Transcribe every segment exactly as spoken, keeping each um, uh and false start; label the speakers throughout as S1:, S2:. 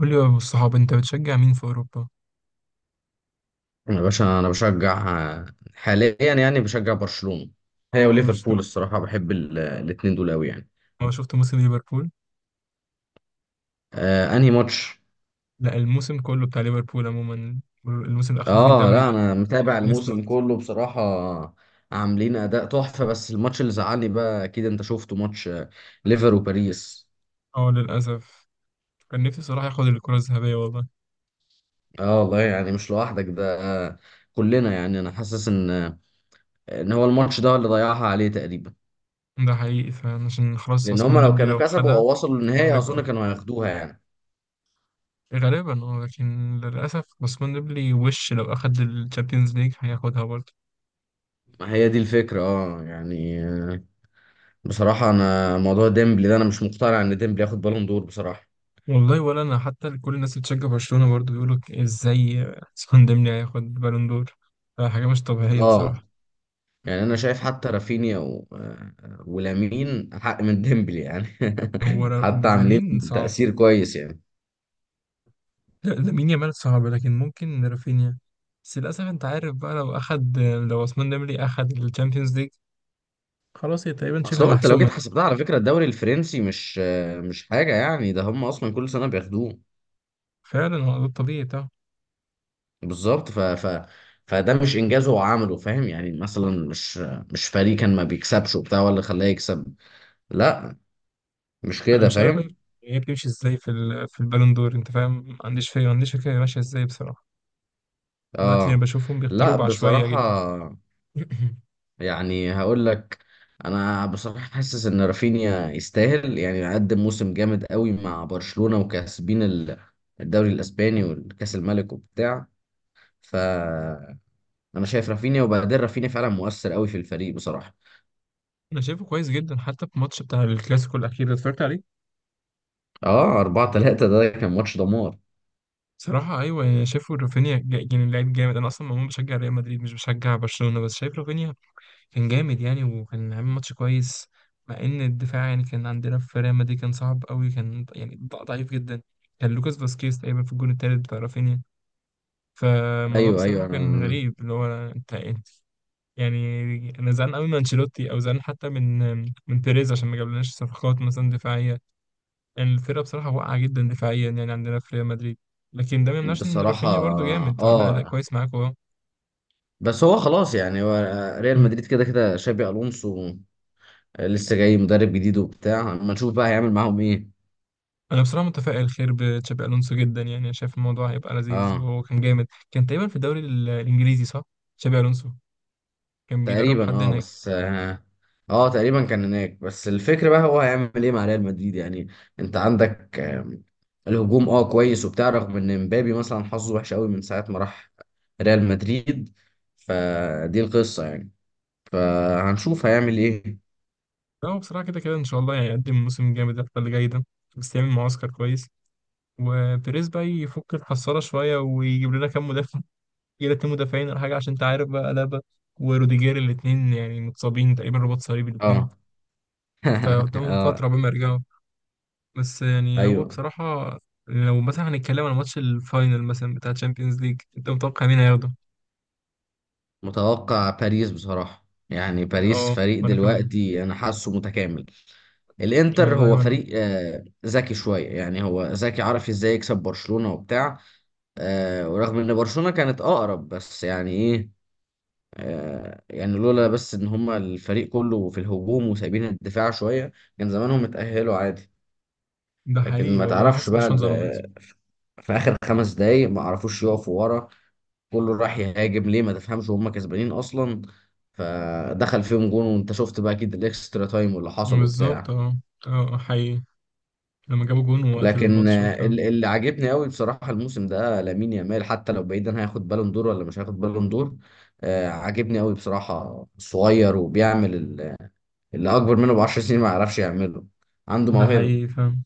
S1: قول لي يا ابو الصحاب انت بتشجع مين في اوروبا؟
S2: يا باشا، انا بشجع حاليا يعني، بشجع برشلونة هي وليفربول
S1: برشلونه.
S2: الصراحة. بحب ال- الاتنين دول قوي يعني.
S1: أنا شفت موسم ليفربول.
S2: آه، انهي ماتش؟
S1: لا، الموسم كله بتاع ليفربول عموما، الموسم اللي اخدوا فيه
S2: اه،
S1: الدوري
S2: لا،
S1: ده.
S2: انا متابع الموسم
S1: نيستوت،
S2: كله بصراحة. عاملين اداء تحفة. بس الماتش اللي زعلني بقى، اكيد انت شفته ماتش، آه، ليفر وباريس.
S1: اه للاسف. كان نفسي صراحه ياخد الكره الذهبيه والله.
S2: اه والله، يعني مش لوحدك ده. آه، كلنا يعني. انا حاسس ان آه، ان هو الماتش ده اللي ضيعها عليه تقريبا.
S1: ده حقيقي فعلا، عشان خلاص
S2: لان هم
S1: عثمان
S2: لو
S1: ديمبلي
S2: كانوا
S1: لو
S2: كسبوا
S1: خدها
S2: او وصلوا
S1: يبقى
S2: للنهاية
S1: قريب
S2: اظن
S1: قوي.
S2: كانوا هياخدوها يعني.
S1: غالبا اه، لكن للاسف عثمان ديمبلي وش لو اخد الشامبيونز ليج هياخدها برضه.
S2: ما هي دي الفكرة، اه يعني. بصراحة أنا موضوع ديمبلي ده، أنا مش مقتنع إن ديمبلي ياخد بالون دور بصراحة.
S1: والله ولا انا حتى، كل الناس اللي بتشجع برشلونه برضه بيقولوا ازاي عثمان ديمبلي هياخد بالون دور؟ حاجه مش طبيعيه
S2: آه
S1: بصراحه.
S2: يعني، أنا شايف حتى رافينيا و... آه، ولامين أحق من ديمبلي يعني
S1: هو را-
S2: حتى عاملين
S1: لامين صعب.
S2: تأثير كويس يعني.
S1: لا، لامين يامال صعب، لكن ممكن رافينيا. بس للأسف أنت عارف بقى، لو أخد لو عثمان ديمبلي أخد الشامبيونز ليج خلاص، هي تقريبا
S2: أصل
S1: شبه
S2: هو، أنت لو
S1: محسومة.
S2: جيت حسبتها على فكرة، الدوري الفرنسي مش آه، مش حاجة يعني. ده هم أصلا كل سنة بياخدوه.
S1: فعلا هو ده الطبيعي بتاعه.
S2: بالظبط. ف... ف... فده مش إنجاز هو عمله، فاهم يعني؟ مثلا مش مش فريق كان ما بيكسبش وبتاع ولا خلاه يكسب. لا، مش
S1: أنا
S2: كده
S1: مش عارف بقى
S2: فاهم.
S1: هي بتمشي إزاي في ال... في البالون دور، أنت فاهم؟ ما عنديش فكرة، ما عنديش فكرة هي ماشية إزاي بصراحة. دلوقتي أنا
S2: آه
S1: بشوفهم بيختاروا
S2: لا
S1: بعشوائية
S2: بصراحة.
S1: جدا.
S2: يعني هقول لك، انا بصراحه حاسس ان رافينيا يستاهل. يعني قدم موسم جامد قوي مع برشلونه وكاسبين ال- الدوري الاسباني والكاس الملك وبتاع. فانا شايف رافينيا، وبعدين رافينيا فعلا مؤثر قوي في الفريق بصراحه.
S1: أنا شايفه كويس جدا، حتى في الماتش بتاع الكلاسيكو الأخير ده اتفرجت عليه.
S2: اه اربعة تلاتة ده كان ماتش دمار.
S1: صراحة أيوه يعني، شايفه رافينيا جا- يعني لعيب جامد. أنا أصلا عموما بشجع ريال مدريد، مش بشجع برشلونة، بس شايف رافينيا كان جامد يعني، وكان عامل ماتش كويس. مع ان الدفاع يعني كان عندنا في ريال مدريد كان صعب قوي، كان ض- يعني ض- ضعيف جدا. كان لوكاس فاسكيز تقريبا في الجون التالت بتاع رافينيا. فالموضوع
S2: ايوه،
S1: بصراحة
S2: ايوه،
S1: كان
S2: انا
S1: غريب اللي هو، انت انت- يعني انا زعلان قوي من انشيلوتي، او زعلان حتى من من بيريز عشان ما جابلناش صفقات مثلا دفاعية. يعني الفرقة بصراحة واقعة جدا دفاعيا، يعني عندنا في ريال مدريد. لكن ده ما يمنعش ان
S2: بصراحه.
S1: رافينيا برضو جامد وعمل اداء
S2: اه
S1: كويس معاكوا اهو.
S2: بس هو خلاص يعني، هو ريال مدريد كده كده. شابي الونسو لسه جاي مدرب جديد وبتاع، اما نشوف بقى هيعمل معاهم ايه.
S1: انا بصراحه متفائل خير بتشابي الونسو جدا، يعني أنا شايف الموضوع هيبقى لذيذ،
S2: اه،
S1: وهو كان جامد، كان تقريبا في الدوري ال- الانجليزي صح؟ تشابي الونسو كان بيدرب
S2: تقريبا.
S1: حد
S2: اه
S1: هناك.
S2: بس اه آه، تقريبا كان هناك. بس الفكرة بقى، هو هيعمل ايه مع ريال مدريد يعني؟ انت عندك آم، الهجوم اه كويس وبتاع، رغم ان مبابي مثلا حظه وحش قوي من ساعة ما راح ريال مدريد. فدي القصة يعني. فهنشوف هيعمل ايه.
S1: لا هو بصراحه كده كده ان شاء الله يعني يقدم موسم جامد الفتره اللي جايه ده، بس يعمل معسكر كويس، وبيريز بقى يفك الحصاله شويه ويجيب لنا كام مدافع. يجيب لنا اتنين مدافعين ولا حاجه، عشان انت عارف بقى لابا وروديجير الاثنين يعني متصابين تقريبا رباط صليبي الاثنين،
S2: اه
S1: فقدامهم
S2: اه
S1: فتره قبل ما يرجعوا. بس يعني هو
S2: ايوه.
S1: بصراحة، لو مثلا هنتكلم عن ماتش الفاينل مثلا بتاع تشامبيونز ليج، انت متوقع مين هياخده؟
S2: متوقع باريس بصراحة. يعني باريس
S1: اه
S2: فريق
S1: وانا كمان.
S2: دلوقتي انا حاسه متكامل. الانتر
S1: والله
S2: هو
S1: وانا،
S2: فريق آه، ذكي شوية، يعني هو ذكي عارف ازاي يكسب برشلونة وبتاع. آه ورغم ان برشلونة كانت اقرب، بس يعني ايه. آه يعني لولا بس ان هما الفريق كله في الهجوم وسايبين الدفاع شوية، كان زمانهم اتأهلوا عادي.
S1: ده
S2: لكن
S1: حقيقي،
S2: ما
S1: والله انا
S2: تعرفش
S1: حاسس
S2: بقى
S1: برشلونة ظلمت.
S2: ال- في اخر خمس دقايق ما عرفوش يقفوا ورا. كله راح يهاجم ليه؟ ما تفهمش، وهم كسبانين اصلا. فدخل فيهم جون، وانت شفت بقى اكيد الاكسترا تايم واللي حصل
S1: بالظبط
S2: وبتاع.
S1: اه، اه حقيقي، لما جابوا جون وقت
S2: لكن
S1: الماتش
S2: آه،
S1: وبتاع.
S2: ال- اللي عاجبني قوي بصراحه الموسم ده لامين يامال. حتى لو بعيدا هياخد بالون دور ولا مش هياخد بالون دور، آه، عاجبني قوي بصراحه. صغير وبيعمل ال- اللي اكبر منه ب عشر سنين ما يعرفش يعمله. عنده
S1: ده
S2: موهبه.
S1: حقيقي فاهم،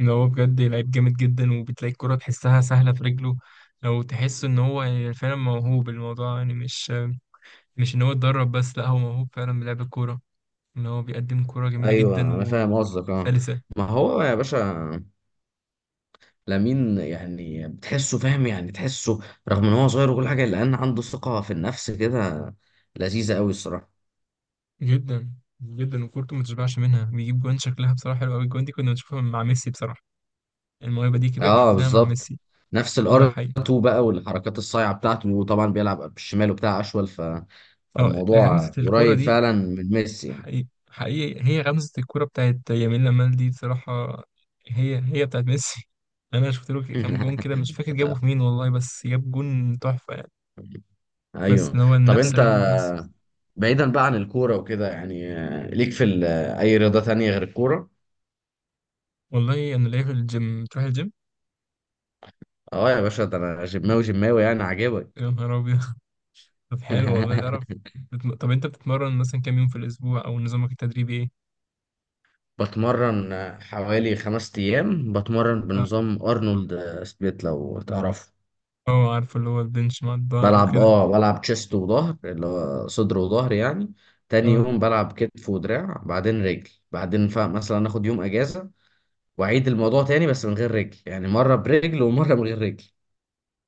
S1: ان هو بجد لعيب جامد جدا، وبتلاقي الكرة تحسها سهلة في رجله، لو تحس ان هو يعني فعلا موهوب. الموضوع يعني مش مش ان هو اتدرب بس، لا هو موهوب فعلا، بلعب الكورة، ان هو بيقدم كورة جميلة
S2: ايوه
S1: جدا
S2: انا فاهم قصدك، اه
S1: وسلسة.
S2: ما هو يا باشا، لامين يعني بتحسه فاهم، يعني تحسه رغم ان هو صغير وكل حاجه الا ان عنده ثقه في النفس كده لذيذه قوي الصراحه.
S1: جدا جدا، وكورته ما تشبعش منها، بيجيب جوان شكلها بصراحه حلو قوي. الجوان دي كنا بنشوفها مع ميسي بصراحه، الموهبه دي كده
S2: اه
S1: شفناها مع
S2: بالظبط،
S1: ميسي.
S2: نفس
S1: ده
S2: الار
S1: حقيقي.
S2: اتنين بقى، والحركات الصايعه بتاعته، وطبعا بيلعب بالشمال وبتاع اشول. ف...
S1: اه، غمزه
S2: فالموضوع
S1: الكوره
S2: قريب
S1: دي
S2: فعلا من ميسي يعني.
S1: حقيقي، حقيقي، هي غمزه الكوره بتاعت يمين لامال دي بصراحه هي هي بتاعت ميسي. انا شفت له كام جون كده مش فاكر جابه في مين والله، بس جاب جون تحفه يعني، بس
S2: ايوه.
S1: إن هو
S2: طب
S1: نفس
S2: انت،
S1: غمزه ميسي.
S2: بعيدا بقى عن الكوره وكده، يعني آه، ليك في ال- آه، اي رياضه تانية غير الكوره؟
S1: والله انا لاقيه في الجيم، تروح الجيم.
S2: اه يا باشا، ده انا جماوي جماوي يعني عاجبك؟
S1: يا نهار ابيض. طب حلو والله، تعرف، بتم- طب انت بتتمرن مثلا كام يوم في الاسبوع، او نظامك التدريبي ايه؟
S2: بتمرن حوالي خمس ايام، بتمرن بنظام ارنولد سبليت لو تعرفه.
S1: اه عارفه، اللي هو البنش مع الظهر
S2: بلعب
S1: وكده.
S2: اه بلعب تشيست وظهر، اللي هو صدر وظهر يعني. تاني
S1: اه
S2: يوم بلعب كتف ودراع، بعدين رجل. بعدين ف- مثلا اخد يوم اجازة واعيد الموضوع تاني بس من غير رجل، يعني مرة برجل ومرة من غير رجل.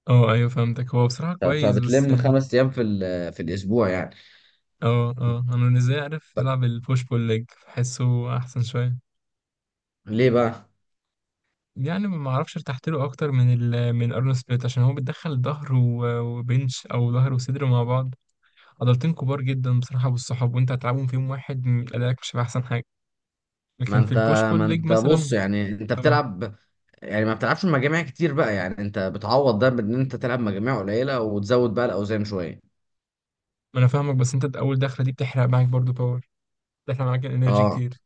S1: اه ايوه فهمتك، هو بصراحة
S2: ف-
S1: كويس، بس
S2: فبتلم
S1: يعني
S2: خمس ايام في ال- في الاسبوع يعني.
S1: اه اه، انا بالنسبة لي عارف
S2: طب
S1: العب البوش بول ليج، بحسه احسن شوية.
S2: ليه بقى؟
S1: يعني ما اعرفش، ارتحت له اكتر من ال من الارنولد سبليت، عشان هو بيدخل ظهر و- وبنش، او ظهر وصدر مع بعض، عضلتين كبار جدا بصراحة، والصحاب وانت هتلعبهم فيهم واحد م- ادائك مش هيبقى احسن حاجة.
S2: ما
S1: لكن في
S2: انت
S1: البوش بول
S2: ما
S1: ليج
S2: انت بص،
S1: مثلا،
S2: يعني انت
S1: اه
S2: بتلعب، يعني ما بتلعبش مجاميع كتير بقى. يعني انت بتعوض ده بان انت تلعب مجاميع قليلة وتزود بقى الاوزان شوية.
S1: ما انا فاهمك، بس انت اول دخلة دي بتحرق معاك برضو باور، بتحرق معاك انرجي
S2: اه
S1: كتير.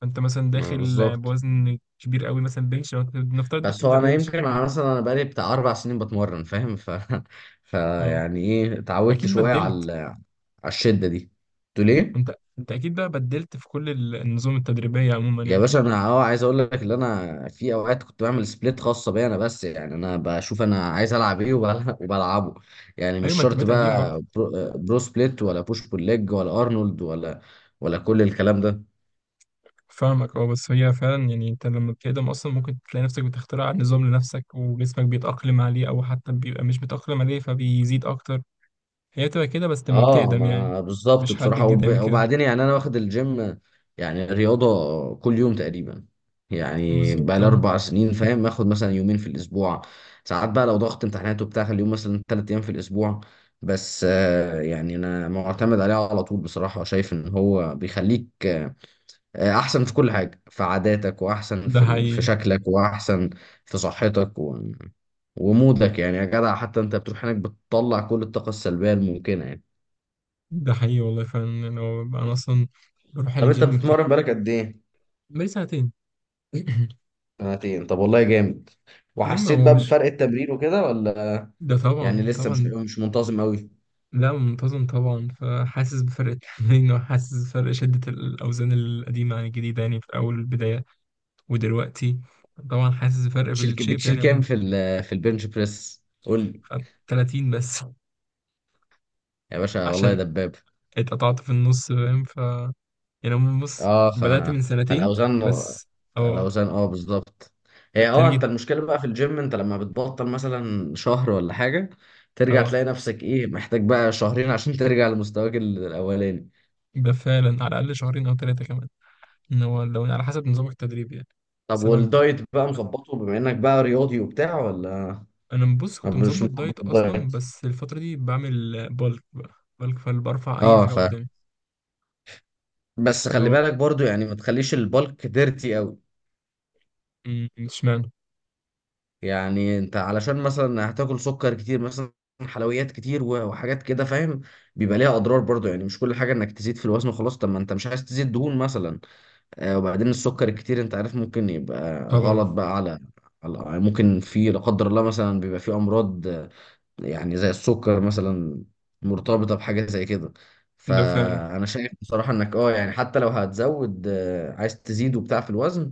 S1: فانت مثلا
S2: ما
S1: داخل
S2: بالظبط.
S1: بوزن كبير قوي، مثلا بنش، لو أنت- نفترض انت
S2: بس
S1: بتبدا
S2: هو انا
S1: بنش.
S2: يمكن، انا مثلا انا بقالي بتاع اربع سنين بتمرن فاهم. ف
S1: اه
S2: فيعني ايه، اتعودت
S1: اكيد
S2: شويه على
S1: بدلت.
S2: ال- على الشده دي. قلت ليه؟
S1: انت انت اكيد بقى بدلت في كل ال- النظم التدريبيه عموما
S2: يا
S1: يعني.
S2: باشا، انا اه عايز اقول لك ان انا في اوقات كنت بعمل سبليت خاصه بيا انا بس. يعني انا بشوف انا عايز العب ايه وبل- وبلعبه. يعني مش
S1: ايوه ما انت
S2: شرط
S1: بقيت قديم برضه.
S2: بقى برو, برو سبليت ولا بوش بول ليج ولا ارنولد ولا ولا كل الكلام ده.
S1: فاهمك اه، بس هي فعلا يعني انت لما بتقدم اصلا ممكن تلاقي نفسك بتخترع نظام لنفسك، وجسمك بيتاقلم عليه، او حتى بيبقى مش متاقلم عليه فبيزيد اكتر. هي بتبقى كده بس لما
S2: اه
S1: بتقدم يعني،
S2: ما بالظبط
S1: مش حد
S2: بصراحة.
S1: جديد
S2: وب...
S1: يعمل كده.
S2: وبعدين يعني انا واخد الجيم، يعني رياضة كل يوم تقريبا. يعني بقى
S1: بالظبط
S2: لي
S1: اه،
S2: اربع سنين فاهم. اخد مثلا يومين في الاسبوع، ساعات بقى لو ضغط امتحانات وبتاع، خلي يوم مثلا ثلاث ايام في الاسبوع. بس آه يعني انا معتمد عليه على طول بصراحة. شايف ان هو بيخليك آه، احسن في كل حاجة، في عاداتك، واحسن
S1: ده
S2: في ال... في
S1: حقيقي.
S2: شكلك، واحسن في صحتك و... ومودك يعني يا جدع. حتى انت بتروح هناك بتطلع كل الطاقة السلبية الممكنة يعني.
S1: ده حقيقي والله فعلا، يعني هو بقى انا اصلا بروح
S2: طب انت
S1: الجيم
S2: بتتمرن
S1: كده.
S2: بقالك قد ايه؟
S1: بقالي سنتين.
S2: سنتين، طب والله جامد.
S1: أما
S2: وحسيت
S1: هو
S2: بقى
S1: مش،
S2: بفرق التمرين وكده ولا
S1: ده
S2: يعني
S1: طبعا
S2: لسه مش
S1: طبعا.
S2: مش منتظم قوي؟
S1: لا، منتظم طبعا، فحاسس بفرق التمرين، وحاسس بفرق شدة الأوزان القديمة عن الجديدة، يعني في أول البداية ودلوقتي. طبعا حاسس بفرق في
S2: بتشيل ك-
S1: الشيب
S2: بتشيل
S1: يعني
S2: كام
S1: عموما.
S2: في ال في البنش بريس قول لي؟
S1: ثلاثين بس.
S2: يا باشا والله يا
S1: عشان
S2: دباب.
S1: اتقطعت في النص فاهم، ف يعني عموما بص،
S2: اه ف
S1: بدأت من سنتين
S2: فالاوزان
S1: بس. اه
S2: الاوزان اه بالظبط. هي، اه انت
S1: بالتارجت.
S2: المشكله بقى في الجيم، انت لما بتبطل مثلا شهر ولا حاجه، ترجع
S1: اه
S2: تلاقي نفسك ايه؟ محتاج بقى شهرين عشان ترجع لمستواك ال- الاولاني.
S1: ده فعلا، على الأقل شهرين أو ثلاثة كمان، إن هو لو يعني على حسب نظامك التدريبي يعني.
S2: طب
S1: بس أنا،
S2: والدايت بقى مظبطه، بما انك بقى رياضي وبتاع، ولا
S1: انا بص، كنت
S2: مش
S1: مظبط
S2: مظبط
S1: دايت اصلا،
S2: الدايت؟
S1: بس الفتره دي بعمل بالك بقى بالك، فبرفع اي
S2: اه
S1: حاجه
S2: ف
S1: قدامي.
S2: بس خلي
S1: لو،
S2: بالك برضو يعني، ما تخليش البلك ديرتي قوي.
S1: م- اشمعنى؟
S2: يعني انت علشان مثلا هتاكل سكر كتير مثلا، حلويات كتير و- وحاجات كده فاهم. بيبقى ليها اضرار برضو، يعني مش كل حاجه انك تزيد في الوزن وخلاص. طب ما انت مش عايز تزيد دهون مثلا. آه وبعدين السكر الكتير انت عارف ممكن يبقى
S1: طبعا،
S2: غلط بقى على على- ممكن في لا قدر الله مثلا بيبقى في امراض، يعني زي السكر مثلا مرتبطة بحاجة زي كده.
S1: ده فعلا،
S2: فأنا شايف بصراحة إنك أه يعني حتى لو هتزود، آه، عايز تزيد وبتاع في الوزن،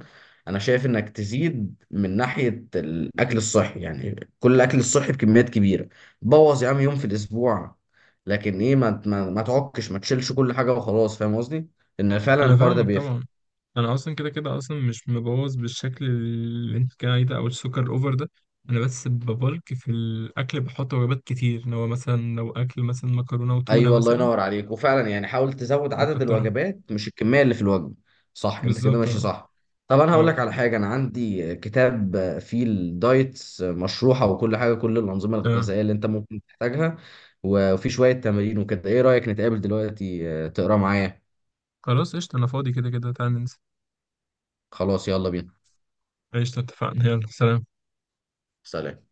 S2: أنا شايف إنك تزيد من ناحية الأكل الصحي، يعني كل الأكل الصحي بكميات كبيرة. بوظ يا عم يوم في الأسبوع، لكن إيه، ما ما, ما تعكش. ما تشيلش كل حاجة وخلاص، فاهم قصدي؟ إن فعلا
S1: انا
S2: الحوار ده
S1: فاهمك
S2: بيفرق.
S1: طبعا. انا اصلا كده كده، اصلا مش مبوظ بالشكل اللي انت كان عليه ده، او السكر الاوفر ده. انا بس ببلك في الاكل، بحط وجبات كتير، اللي هو مثلا لو اكل مثلا مكرونه وتونه
S2: ايوه، الله
S1: مثلا
S2: ينور عليك. وفعلا يعني حاول تزود عدد
S1: بكترها.
S2: الوجبات مش الكميه اللي في الوجبه. صح، انت كده
S1: بالظبط
S2: ماشي
S1: اه،
S2: صح. طب انا هقول
S1: اه
S2: لك على حاجه، انا عندي كتاب فيه الدايتس مشروحه وكل حاجه، كل الانظمه
S1: آه.
S2: الغذائيه اللي انت ممكن تحتاجها، وفي شويه تمارين وكده. ايه رايك نتقابل دلوقتي آه، تقرا معايا؟
S1: خلاص قشطه، انا فاضي كده كده، تعال ننسى.
S2: خلاص يلا بينا.
S1: قشطه اتفقنا، يلا سلام.
S2: سلام.